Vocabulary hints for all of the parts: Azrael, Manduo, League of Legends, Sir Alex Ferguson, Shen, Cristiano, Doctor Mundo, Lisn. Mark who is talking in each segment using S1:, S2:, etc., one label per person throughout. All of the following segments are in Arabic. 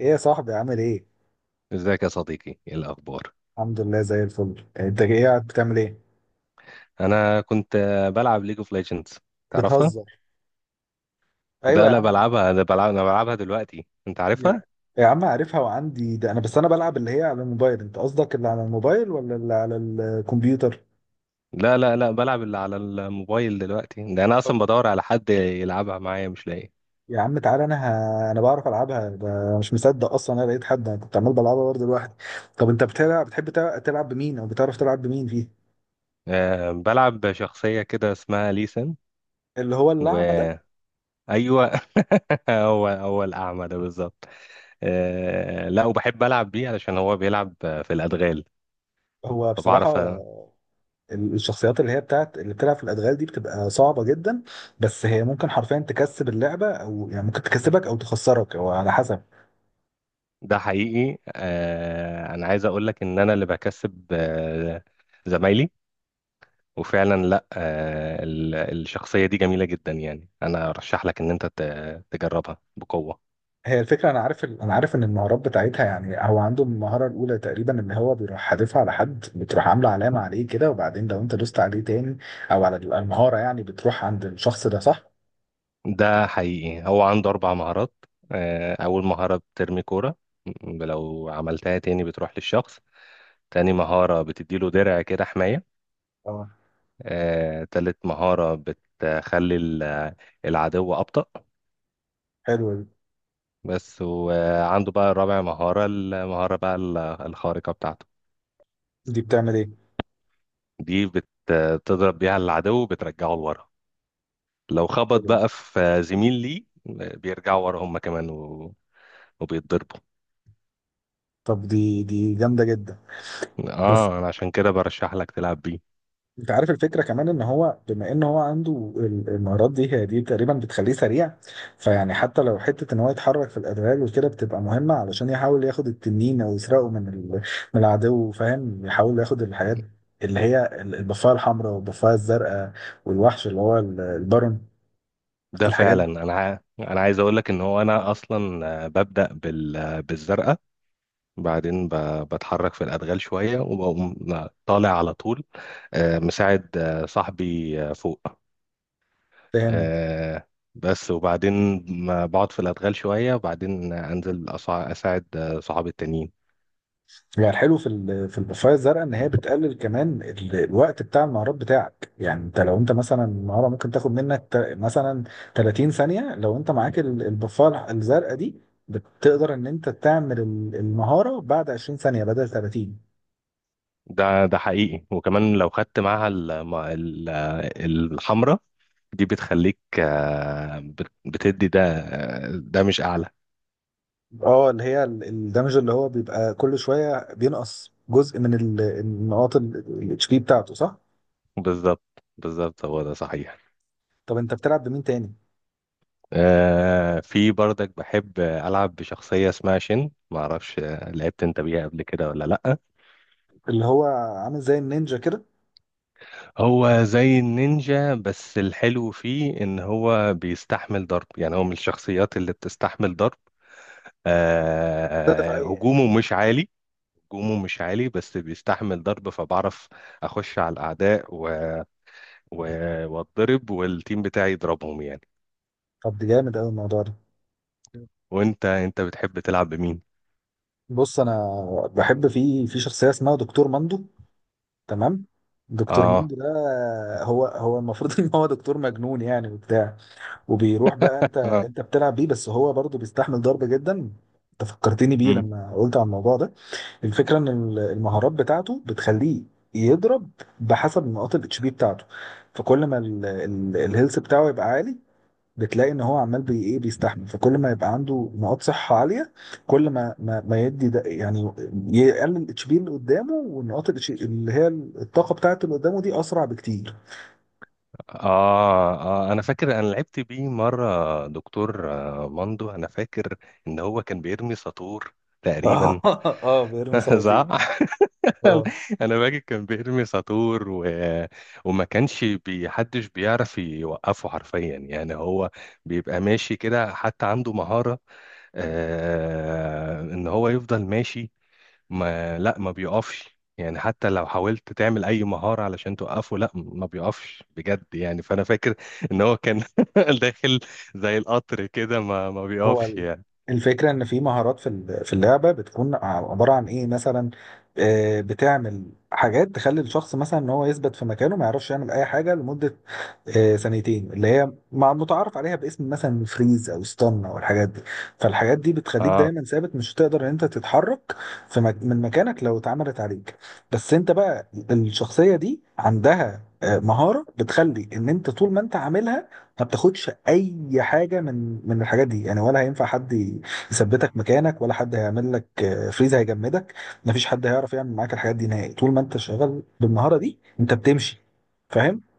S1: ايه يا صاحبي عامل ايه؟
S2: ازيك يا صديقي، ايه الاخبار؟
S1: الحمد لله زي الفل. انت ايه قاعد بتعمل ايه؟
S2: انا كنت بلعب ليج اوف ليجندز، تعرفها؟
S1: بتهزر. ايوه
S2: ده
S1: يا
S2: لا
S1: عم.
S2: بلعبها، ده بلعب. انا بلعبها دلوقتي، انت
S1: يا,
S2: عارفها.
S1: يا عم عارفها وعندي ده، انا بس انا بلعب اللي هي على الموبايل. انت قصدك اللي على الموبايل ولا اللي على الكمبيوتر؟
S2: لا لا لا، بلعب اللي على الموبايل دلوقتي. ده انا
S1: طب
S2: اصلا بدور على حد يلعبها معايا مش لاقي.
S1: يا عم تعالى انا. انا بعرف العبها، ده مش مصدق اصلا انا لقيت حد، انا كنت عمال بلعبها برضه لوحدي. طب انت بتلعب، بتحب تلعب، تلعب بمين او بتعرف تلعب بمين فيه؟
S2: أه، بلعب شخصية كده اسمها ليسن
S1: اللي هو الأعمى ده.
S2: وايوه. هو هو الاعمى ده بالظبط. أه لا، وبحب العب بيه علشان هو بيلعب في الادغال
S1: هو بصراحة
S2: فبعرف.
S1: الشخصيات اللي هي بتاعت اللي بتلعب في الادغال دي بتبقى صعبه جدا، بس هي ممكن حرفيا تكسب اللعبه، او يعني ممكن تكسبك او تخسرك او على حسب.
S2: ده حقيقي. انا عايز اقول لك ان انا اللي بكسب، زمايلي. وفعلا لا، الشخصية دي جميلة جدا، يعني انا ارشح لك ان انت تجربها بقوة.
S1: هي الفكره، انا عارف، ان المهارات بتاعتها يعني هو عنده المهاره الاولى تقريبا ان هو بيروح حادفها على حد، بتروح عامله علامه عليه كده، وبعدين لو انت دوست عليه تاني او على المهاره يعني بتروح عند الشخص ده، صح؟
S2: ده حقيقي، هو عنده اربع مهارات. آه، اول مهارة بترمي كورة، لو عملتها تاني بتروح للشخص. تاني مهارة بتديله درع كده حماية.
S1: اه،
S2: آه، تالت مهارة بتخلي العدو أبطأ.
S1: حلوه دي.
S2: بس. وعنده بقى رابع مهارة، المهارة بقى الخارقة بتاعته.
S1: دي بتعمل ايه؟
S2: دي بتضرب بيها العدو، بترجعه لورا. لو خبط
S1: حلوة.
S2: بقى في زميل ليه، بيرجعوا ورا هم كمان وبيتضربوا.
S1: طب دي جامده جدا. بس
S2: اه انا عشان كده برشح لك تلعب بيه.
S1: انت عارف الفكره كمان ان هو، بما ان هو عنده ال- المهارات دي، هي دي تقريبا بتخليه سريع. فيعني حتى لو حته ان هو يتحرك في الادوار وكده، بتبقى مهمه علشان يحاول ياخد التنين او يسرقه من ال- من العدو، فاهم؟ يحاول ياخد الحاجات اللي هي ال- البفايه الحمراء والبفايه الزرقاء، والوحش اللي هو ال- البارون.
S2: ده
S1: الحاجات
S2: فعلا.
S1: دي،
S2: انا عايز اقول لك ان هو انا اصلا ببدأ بالزرقاء. بعدين بتحرك في الادغال شوية، وبقوم طالع على طول. مساعد صاحبي فوق.
S1: فاهم.
S2: آه، بس. وبعدين ما بقعد في الأدغال شوية، وبعدين أنزل أساعد صحابي التانيين.
S1: يعني الحلو في ال- في البوفايه الزرقاء ان هي بتقلل كمان ال- الوقت بتاع النهارات بتاعك، يعني انت لو انت مثلا النهارده ممكن تاخد منك تا- مثلا 30 ثانيه، لو انت معاك ال- البوفايه الزرقاء دي بتقدر ان انت تعمل ال- المهاره بعد 20 ثانيه بدل 30.
S2: ده ده حقيقي. وكمان لو خدت معاها الحمرة دي بتخليك، بتدي ده، ده مش أعلى.
S1: اه، اللي هي ال- الدمج اللي هو بيبقى كل شويه بينقص جزء من ال- النقاط الاتش بي بتاعته، صح.
S2: بالظبط بالظبط، هو ده صحيح.
S1: طب انت بتلعب بمين تاني؟
S2: في برضك بحب ألعب بشخصية اسمها شن، معرفش لعبت أنت بيها قبل كده ولا لأ.
S1: اللي هو عامل زي النينجا كده.
S2: هو زي النينجا، بس الحلو فيه ان هو بيستحمل ضرب. يعني هو من الشخصيات اللي بتستحمل ضرب.
S1: ده
S2: آه،
S1: دفاعيه يعني.
S2: هجومه مش عالي. هجومه مش عالي بس بيستحمل ضرب، فبعرف اخش على الاعداء و... واتضرب والتيم بتاعي يضربهم يعني.
S1: طب دي جامد قوي الموضوع ده.
S2: وانت بتحب تلعب بمين؟
S1: بص انا بحب في شخصيه اسمها دكتور مندو. تمام. دكتور
S2: اه.
S1: مندو ده هو المفروض ان هو دكتور مجنون يعني وبتاع، وبيروح بقى، انت
S2: اه.
S1: بتلعب بيه، بس هو برضه بيستحمل ضرب جدا. انت فكرتني بيه
S2: مم.
S1: لما قلت على الموضوع ده. الفكره ان ال- المهارات بتاعته بتخليه يضرب بحسب نقاط الاتش بي بتاعته، فكل ما الهيلث بتاعه يبقى عالي، بتلاقي ان هو عمال بي ايه بيستحمل. فكل ما يبقى عنده نقاط صحه عاليه، كل ما ما يدي ده، يعني يقلل الاتش بي اللي قدامه، والنقاط ال HP اللي هي الطاقه بتاعته اللي قدامه دي، اسرع بكتير.
S2: آه، أنا فاكر أنا لعبت بيه مرة، دكتور ماندو. أنا فاكر إن هو كان بيرمي ساطور تقريبا.
S1: اه، بيرمي صواريخ.
S2: زعل.
S1: اه.
S2: انا باجي كان بيرمي ساطور وما كانش حدش بيعرف يوقفه حرفيا. يعني هو بيبقى ماشي كده. حتى عنده مهارة ان هو يفضل ماشي، ما بيقفش يعني. حتى لو حاولت تعمل اي مهارة علشان توقفه، لا ما بيقفش بجد يعني. فانا فاكر ان هو كان داخل زي القطر كده، ما
S1: هو
S2: بيقفش
S1: ال-
S2: يعني.
S1: الفكرة إن في مهارات في ال- في اللعبة بتكون عبارة عن إيه، مثلا بتعمل حاجات تخلي الشخص مثلا إن هو يثبت في مكانه، ما يعرفش يعمل أي حاجة لمدة ثانيتين، اللي هي مع متعارف عليها باسم مثلا فريز أو ستان أو الحاجات دي. فالحاجات دي بتخليك
S2: آه،
S1: دايما ثابت، مش هتقدر إن أنت تتحرك في مك من مكانك لو اتعملت عليك. بس أنت بقى الشخصية دي عندها مهارة بتخلي إن أنت طول ما أنت عاملها ما بتاخدش اي حاجه من الحاجات دي يعني، ولا هينفع حد يثبتك مكانك، ولا حد هيعمل لك فريز هيجمدك. ما فيش حد هيعرف يعمل معاك الحاجات دي نهائي طول ما انت شغال بالمهاره دي، انت بتمشي، فاهم.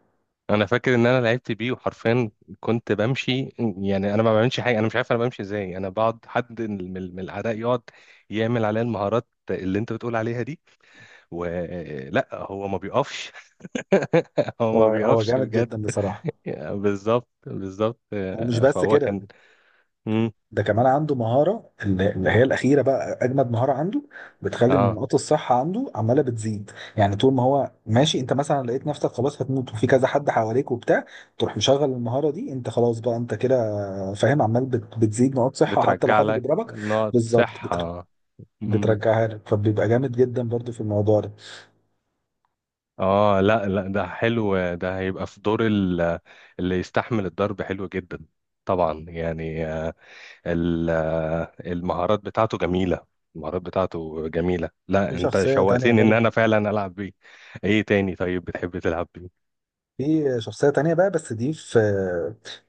S2: انا فاكر ان انا لعبت بيه وحرفيا كنت بمشي. يعني انا ما بعملش حاجه، انا مش عارف انا بمشي ازاي. انا بقعد حد من الاعداء يقعد يعمل عليا المهارات اللي انت بتقول عليها دي، ولا هو ما بيقفش. هو ما
S1: هو
S2: بيقفش
S1: جامد
S2: بجد.
S1: جدا بصراحه.
S2: بالظبط بالظبط.
S1: ومش بس
S2: فهو
S1: كده،
S2: كان. مم.
S1: ده كمان عنده مهارة اللي هي الأخيرة بقى، أجمد مهارة عنده، بتخلي
S2: اه،
S1: نقاط الصحة عنده عمالة بتزيد. يعني طول ما هو ماشي، أنت مثلا لقيت نفسك خلاص هتموت وفي كذا حد حواليك وبتاع، تروح مشغل المهارة دي، أنت خلاص بقى، أنت كده، فاهم، عمال بتزيد نقاط صحة حتى لو
S2: بترجع
S1: حد
S2: لك
S1: بيضربك.
S2: نقط
S1: بالظبط.
S2: صحه. مم.
S1: بترجعها لك، فبيبقى جامد جدا برضو في الموضوع ده.
S2: اه لا لا، ده حلو. ده هيبقى في دور اللي يستحمل الضرب، حلو جدا. طبعا يعني، ال- المهارات بتاعته جميلة. المهارات بتاعته جميلة.
S1: في
S2: لا انت
S1: شخصية تانية
S2: شوقتني ان انا
S1: برضو.
S2: فعلا العب بيه. ايه تاني طيب بتحب تلعب بيه؟
S1: في شخصية تانية بقى، بس دي في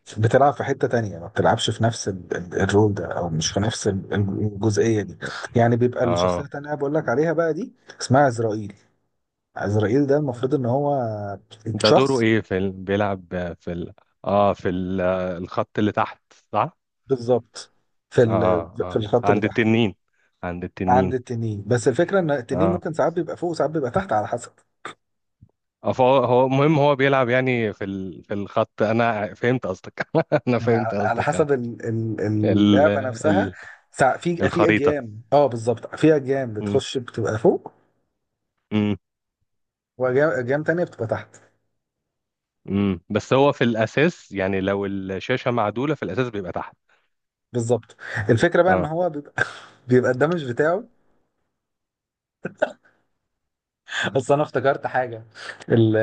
S1: بتلعب في حتة تانية، ما بتلعبش في نفس ال- ال- الرول ده أو مش في نفس ال- الجزئية دي، يعني بيبقى الشخصية
S2: اه.
S1: التانية بقول لك عليها بقى دي. اسمها عزرائيل. عزرائيل ده المفروض إن هو
S2: ده دوره
S1: شخص.
S2: ايه؟ بيلعب اه، الخط اللي تحت، صح؟
S1: بالظبط. في
S2: اه.
S1: ال-
S2: اه.
S1: في
S2: آه،
S1: الخط اللي
S2: عند
S1: تحت،
S2: التنين. عند
S1: عند
S2: التنين.
S1: التنين. بس الفكرة إن التنين
S2: اه.
S1: ممكن ساعات بيبقى فوق وساعات بيبقى تحت على حسب.
S2: اه، فهو هو مهم. هو بيلعب يعني في الخط. انا فهمت قصدك. انا
S1: يعني ع-
S2: فهمت
S1: على
S2: قصدك، آه.
S1: حسب ال- ال-
S2: ال...
S1: اللعبة نفسها.
S2: ال...
S1: ساع- في في
S2: الخريطة.
S1: أجيام، اه بالظبط، في أجيام
S2: م.
S1: بتخش بتبقى فوق،
S2: م.
S1: وجام تانية بتبقى تحت.
S2: امم، بس هو في الاساس، يعني لو الشاشه معدوله، في الاساس بيبقى تحت.
S1: بالظبط. الفكرة بقى ان
S2: اه.
S1: هو بيبقى بيبقى الدمج بتاعه، اصل انا افتكرت حاجة، ال-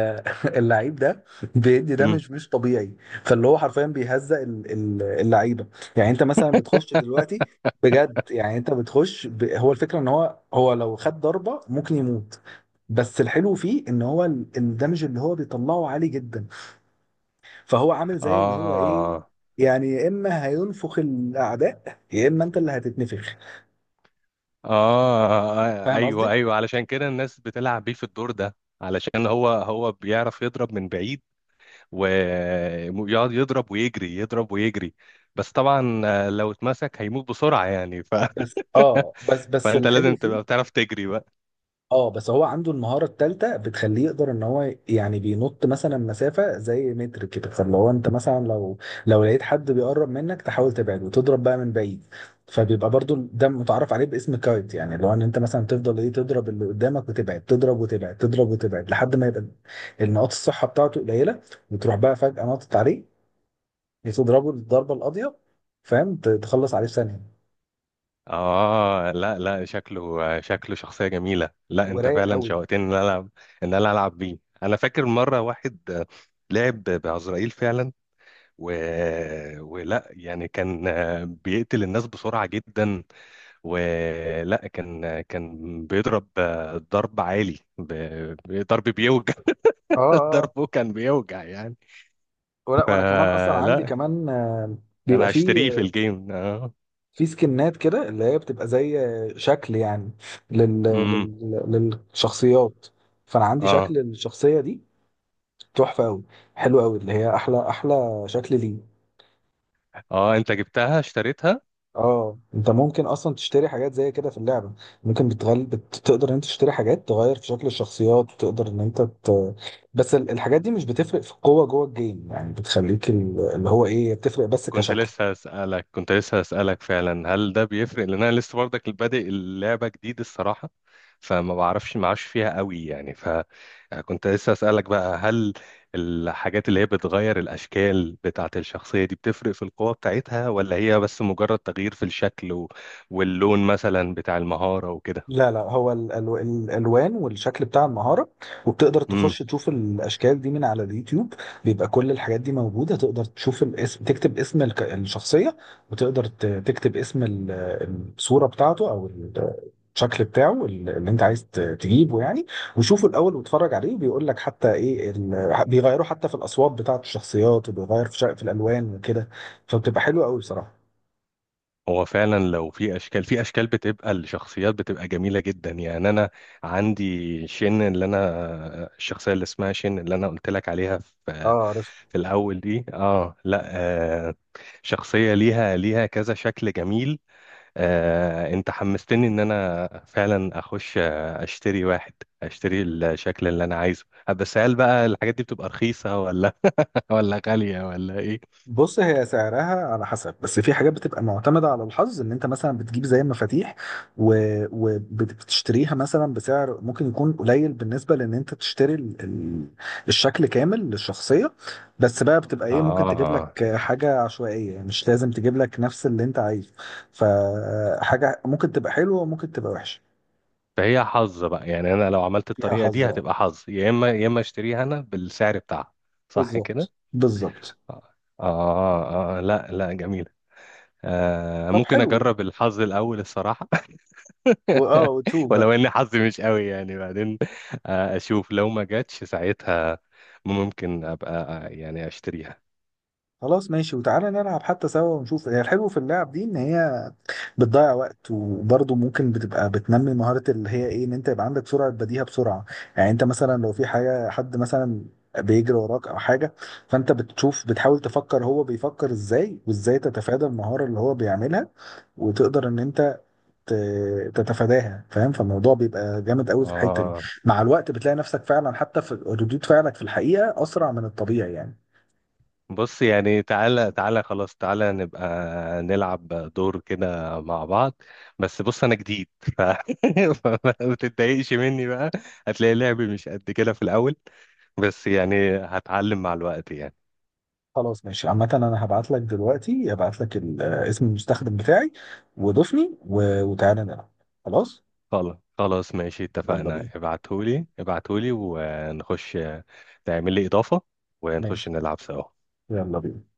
S1: اللعيب ده بيدي
S2: امم.
S1: دمج مش طبيعي، فاللي هو حرفيا بيهزق ال- ال- اللعيبة. يعني انت مثلا بتخش دلوقتي بجد، يعني انت بتخش ب... هو الفكرة ان هو لو خد ضربة ممكن يموت، بس الحلو فيه ان هو ال- الدمج اللي هو بيطلعه عالي جدا، فهو عامل زي اللي هو ايه،
S2: آه.
S1: يعني يا اما هينفخ الاعداء، يا اما انت اللي هتتنفخ.
S2: اه
S1: فاهم
S2: ايوه
S1: قصدي.
S2: ايوه، علشان كده الناس بتلعب بيه في الدور ده، علشان هو هو بيعرف يضرب من بعيد. ويقعد يضرب ويجري، يضرب ويجري. بس طبعا لو اتمسك هيموت بسرعه يعني.
S1: بس اه بس بس
S2: فانت
S1: الحلو
S2: لازم
S1: فيه.
S2: تبقى بتعرف تجري.
S1: اه، بس هو عنده المهارة التالتة بتخليه يقدر ان هو يعني بينط مثلا مسافة زي متر كده، فاللي هو انت مثلا لو لقيت حد بيقرب منك تحاول تبعده وتضرب بقى من بعيد. فبيبقى برضو ده متعرف عليه باسم كايت، يعني اللي هو ان انت مثلا تفضل ايه تضرب اللي قدامك وتبعد، تضرب وتبعد، تضرب وتبعد، لحد ما يبقى النقاط الصحة بتاعته قليلة، وتروح بقى فجأة ناطط عليه تضربه الضربة القاضية. فاهم، ت- تخلص عليه في ثانية.
S2: اه لا لا، شكله شكله شخصية جميلة. لا انت
S1: ورايق
S2: فعلا
S1: قوي.
S2: شوقتني ان انا العب، ان انا العب بيه. انا فاكر مرة واحد لعب بعزرائيل فعلا و... ولا يعني، كان بيقتل الناس بسرعة جدا. ولا كان، كان بيضرب، ضرب عالي ضرب بيوجع.
S1: اه اه.
S2: ضربه كان بيوجع يعني.
S1: ولا وانا كمان اصلا عندي
S2: فلا،
S1: كمان بيبقى
S2: انا هشتريه في
S1: فيه
S2: الجيم، اه.
S1: في سكنات كده، اللي هي بتبقى زي شكل يعني
S2: امم.
S1: للشخصيات. فانا عندي شكل
S2: اه.
S1: للشخصيه دي، تحفه قوي، حلو قوي، اللي هي احلى شكل ليه.
S2: اه انت جبتها، اشتريتها؟
S1: اه انت ممكن اصلا تشتري حاجات زي كده في اللعبه. ممكن تقدر ان انت تشتري حاجات تغير في شكل الشخصيات، تقدر ان انت ت... بس ال- الحاجات دي مش بتفرق في القوه جوه الجيم، يعني بتخليك ال- اللي هو ايه، بتفرق بس
S2: كنت
S1: كشكل.
S2: لسه هسألك، كنت لسه هسألك فعلا، هل ده بيفرق؟ لان انا لسه برضك بادئ اللعبة جديد الصراحة، فما بعرفش معاش فيها قوي يعني. فكنت لسه هسألك بقى، هل الحاجات اللي هي بتغير الأشكال بتاعة الشخصية دي بتفرق في القوة بتاعتها، ولا هي بس مجرد تغيير في الشكل واللون مثلا بتاع المهارة وكده.
S1: لا لا، هو ال- ال- الالوان والشكل بتاع المهاره. وبتقدر تخش تشوف الاشكال دي من على اليوتيوب، بيبقى كل الحاجات دي موجوده. تقدر تشوف الاسم، تكتب اسم الك- الشخصيه، وتقدر ت- تكتب اسم ال- الصوره بتاعته او ال- الشكل بتاعه ال- اللي انت عايز ت- تجيبه يعني، وشوفه الاول واتفرج عليه، بيقول لك حتى ايه ال- بيغيروا حتى في الاصوات بتاعت الشخصيات، وبيغير في شق- في الالوان وكده. فبتبقى حلوه قوي بصراحه.
S2: هو فعلا لو في اشكال، في اشكال بتبقى الشخصيات بتبقى جميله جدا. يعني انا عندي شن، اللي انا الشخصيه اللي اسمها شن اللي انا قلت لك عليها في
S1: اه عارف.
S2: في الاول دي، اه لا، آه، شخصيه ليها ليها كذا شكل جميل. آه، انت حمستني ان انا فعلا اخش اشتري واحد، اشتري الشكل اللي انا عايزه. بس هل بقى الحاجات دي بتبقى رخيصه ولا ولا غاليه ولا ايه؟
S1: بص هي سعرها على حسب، بس في حاجات بتبقى معتمدة على الحظ، ان انت مثلا بتجيب زي مفاتيح وبتشتريها مثلا بسعر ممكن يكون قليل بالنسبة لان انت تشتري ال- ال- الشكل كامل للشخصية، بس بقى بتبقى ايه، ممكن تجيب لك
S2: اه،
S1: حاجة عشوائية، يعني مش لازم تجيب لك نفس اللي انت عايزه، فحاجة ممكن تبقى حلوة وممكن تبقى وحشة.
S2: فهي حظ بقى يعني. انا لو عملت
S1: فيها
S2: الطريقه
S1: حظ
S2: دي
S1: اه.
S2: هتبقى حظ، يا اما يا اما اشتريها انا بالسعر بتاعها. صح كده؟
S1: بالظبط بالظبط.
S2: آه, آه, اه، آه، لا لا جميله. آه،
S1: طب
S2: ممكن
S1: حلو.
S2: اجرب الحظ الاول الصراحه.
S1: واه وتشوف
S2: ولو
S1: بقى.
S2: ان حظي مش قوي يعني، بعدين آه اشوف. لو ما جاتش ساعتها ممكن ابقى يعني اشتريها.
S1: خلاص ماشي، وتعالى نلعب حتى سوا، ونشوف. هي الحلو في اللعب دي ان هي بتضيع وقت، وبرضه ممكن بتبقى بتنمي مهارة اللي هي ايه، ان انت يبقى عندك سرعة بديهة بسرعة، يعني انت مثلا لو في حاجة، حد مثلا بيجري وراك او حاجة، فانت بتشوف، بتحاول تفكر هو بيفكر ازاي، وازاي تتفادى المهارة اللي هو بيعملها، وتقدر ان انت ت- تتفاداها، فاهم. فالموضوع بيبقى جامد قوي في الحتة دي.
S2: اه.
S1: مع الوقت بتلاقي نفسك فعلا حتى في ردود فعلك في الحقيقة اسرع من الطبيعي يعني.
S2: بص يعني، تعالى تعالى خلاص تعالى نبقى نلعب دور كده مع بعض. بس بص، انا جديد فما تتضايقش مني بقى، هتلاقي لعبي مش قد كده في الاول، بس يعني هتعلم مع الوقت يعني.
S1: خلاص ماشي. عامة انا هبعت لك دلوقتي، هبعت لك ال- اسم المستخدم بتاعي، وضيفني وتعالى نلعب. خلاص.
S2: خلاص خلاص ماشي،
S1: يلا
S2: اتفقنا.
S1: بينا.
S2: ابعتهولي ابعتهولي ونخش، تعمل لي اضافة ونخش
S1: ماشي.
S2: نلعب سوا.
S1: يلا بينا.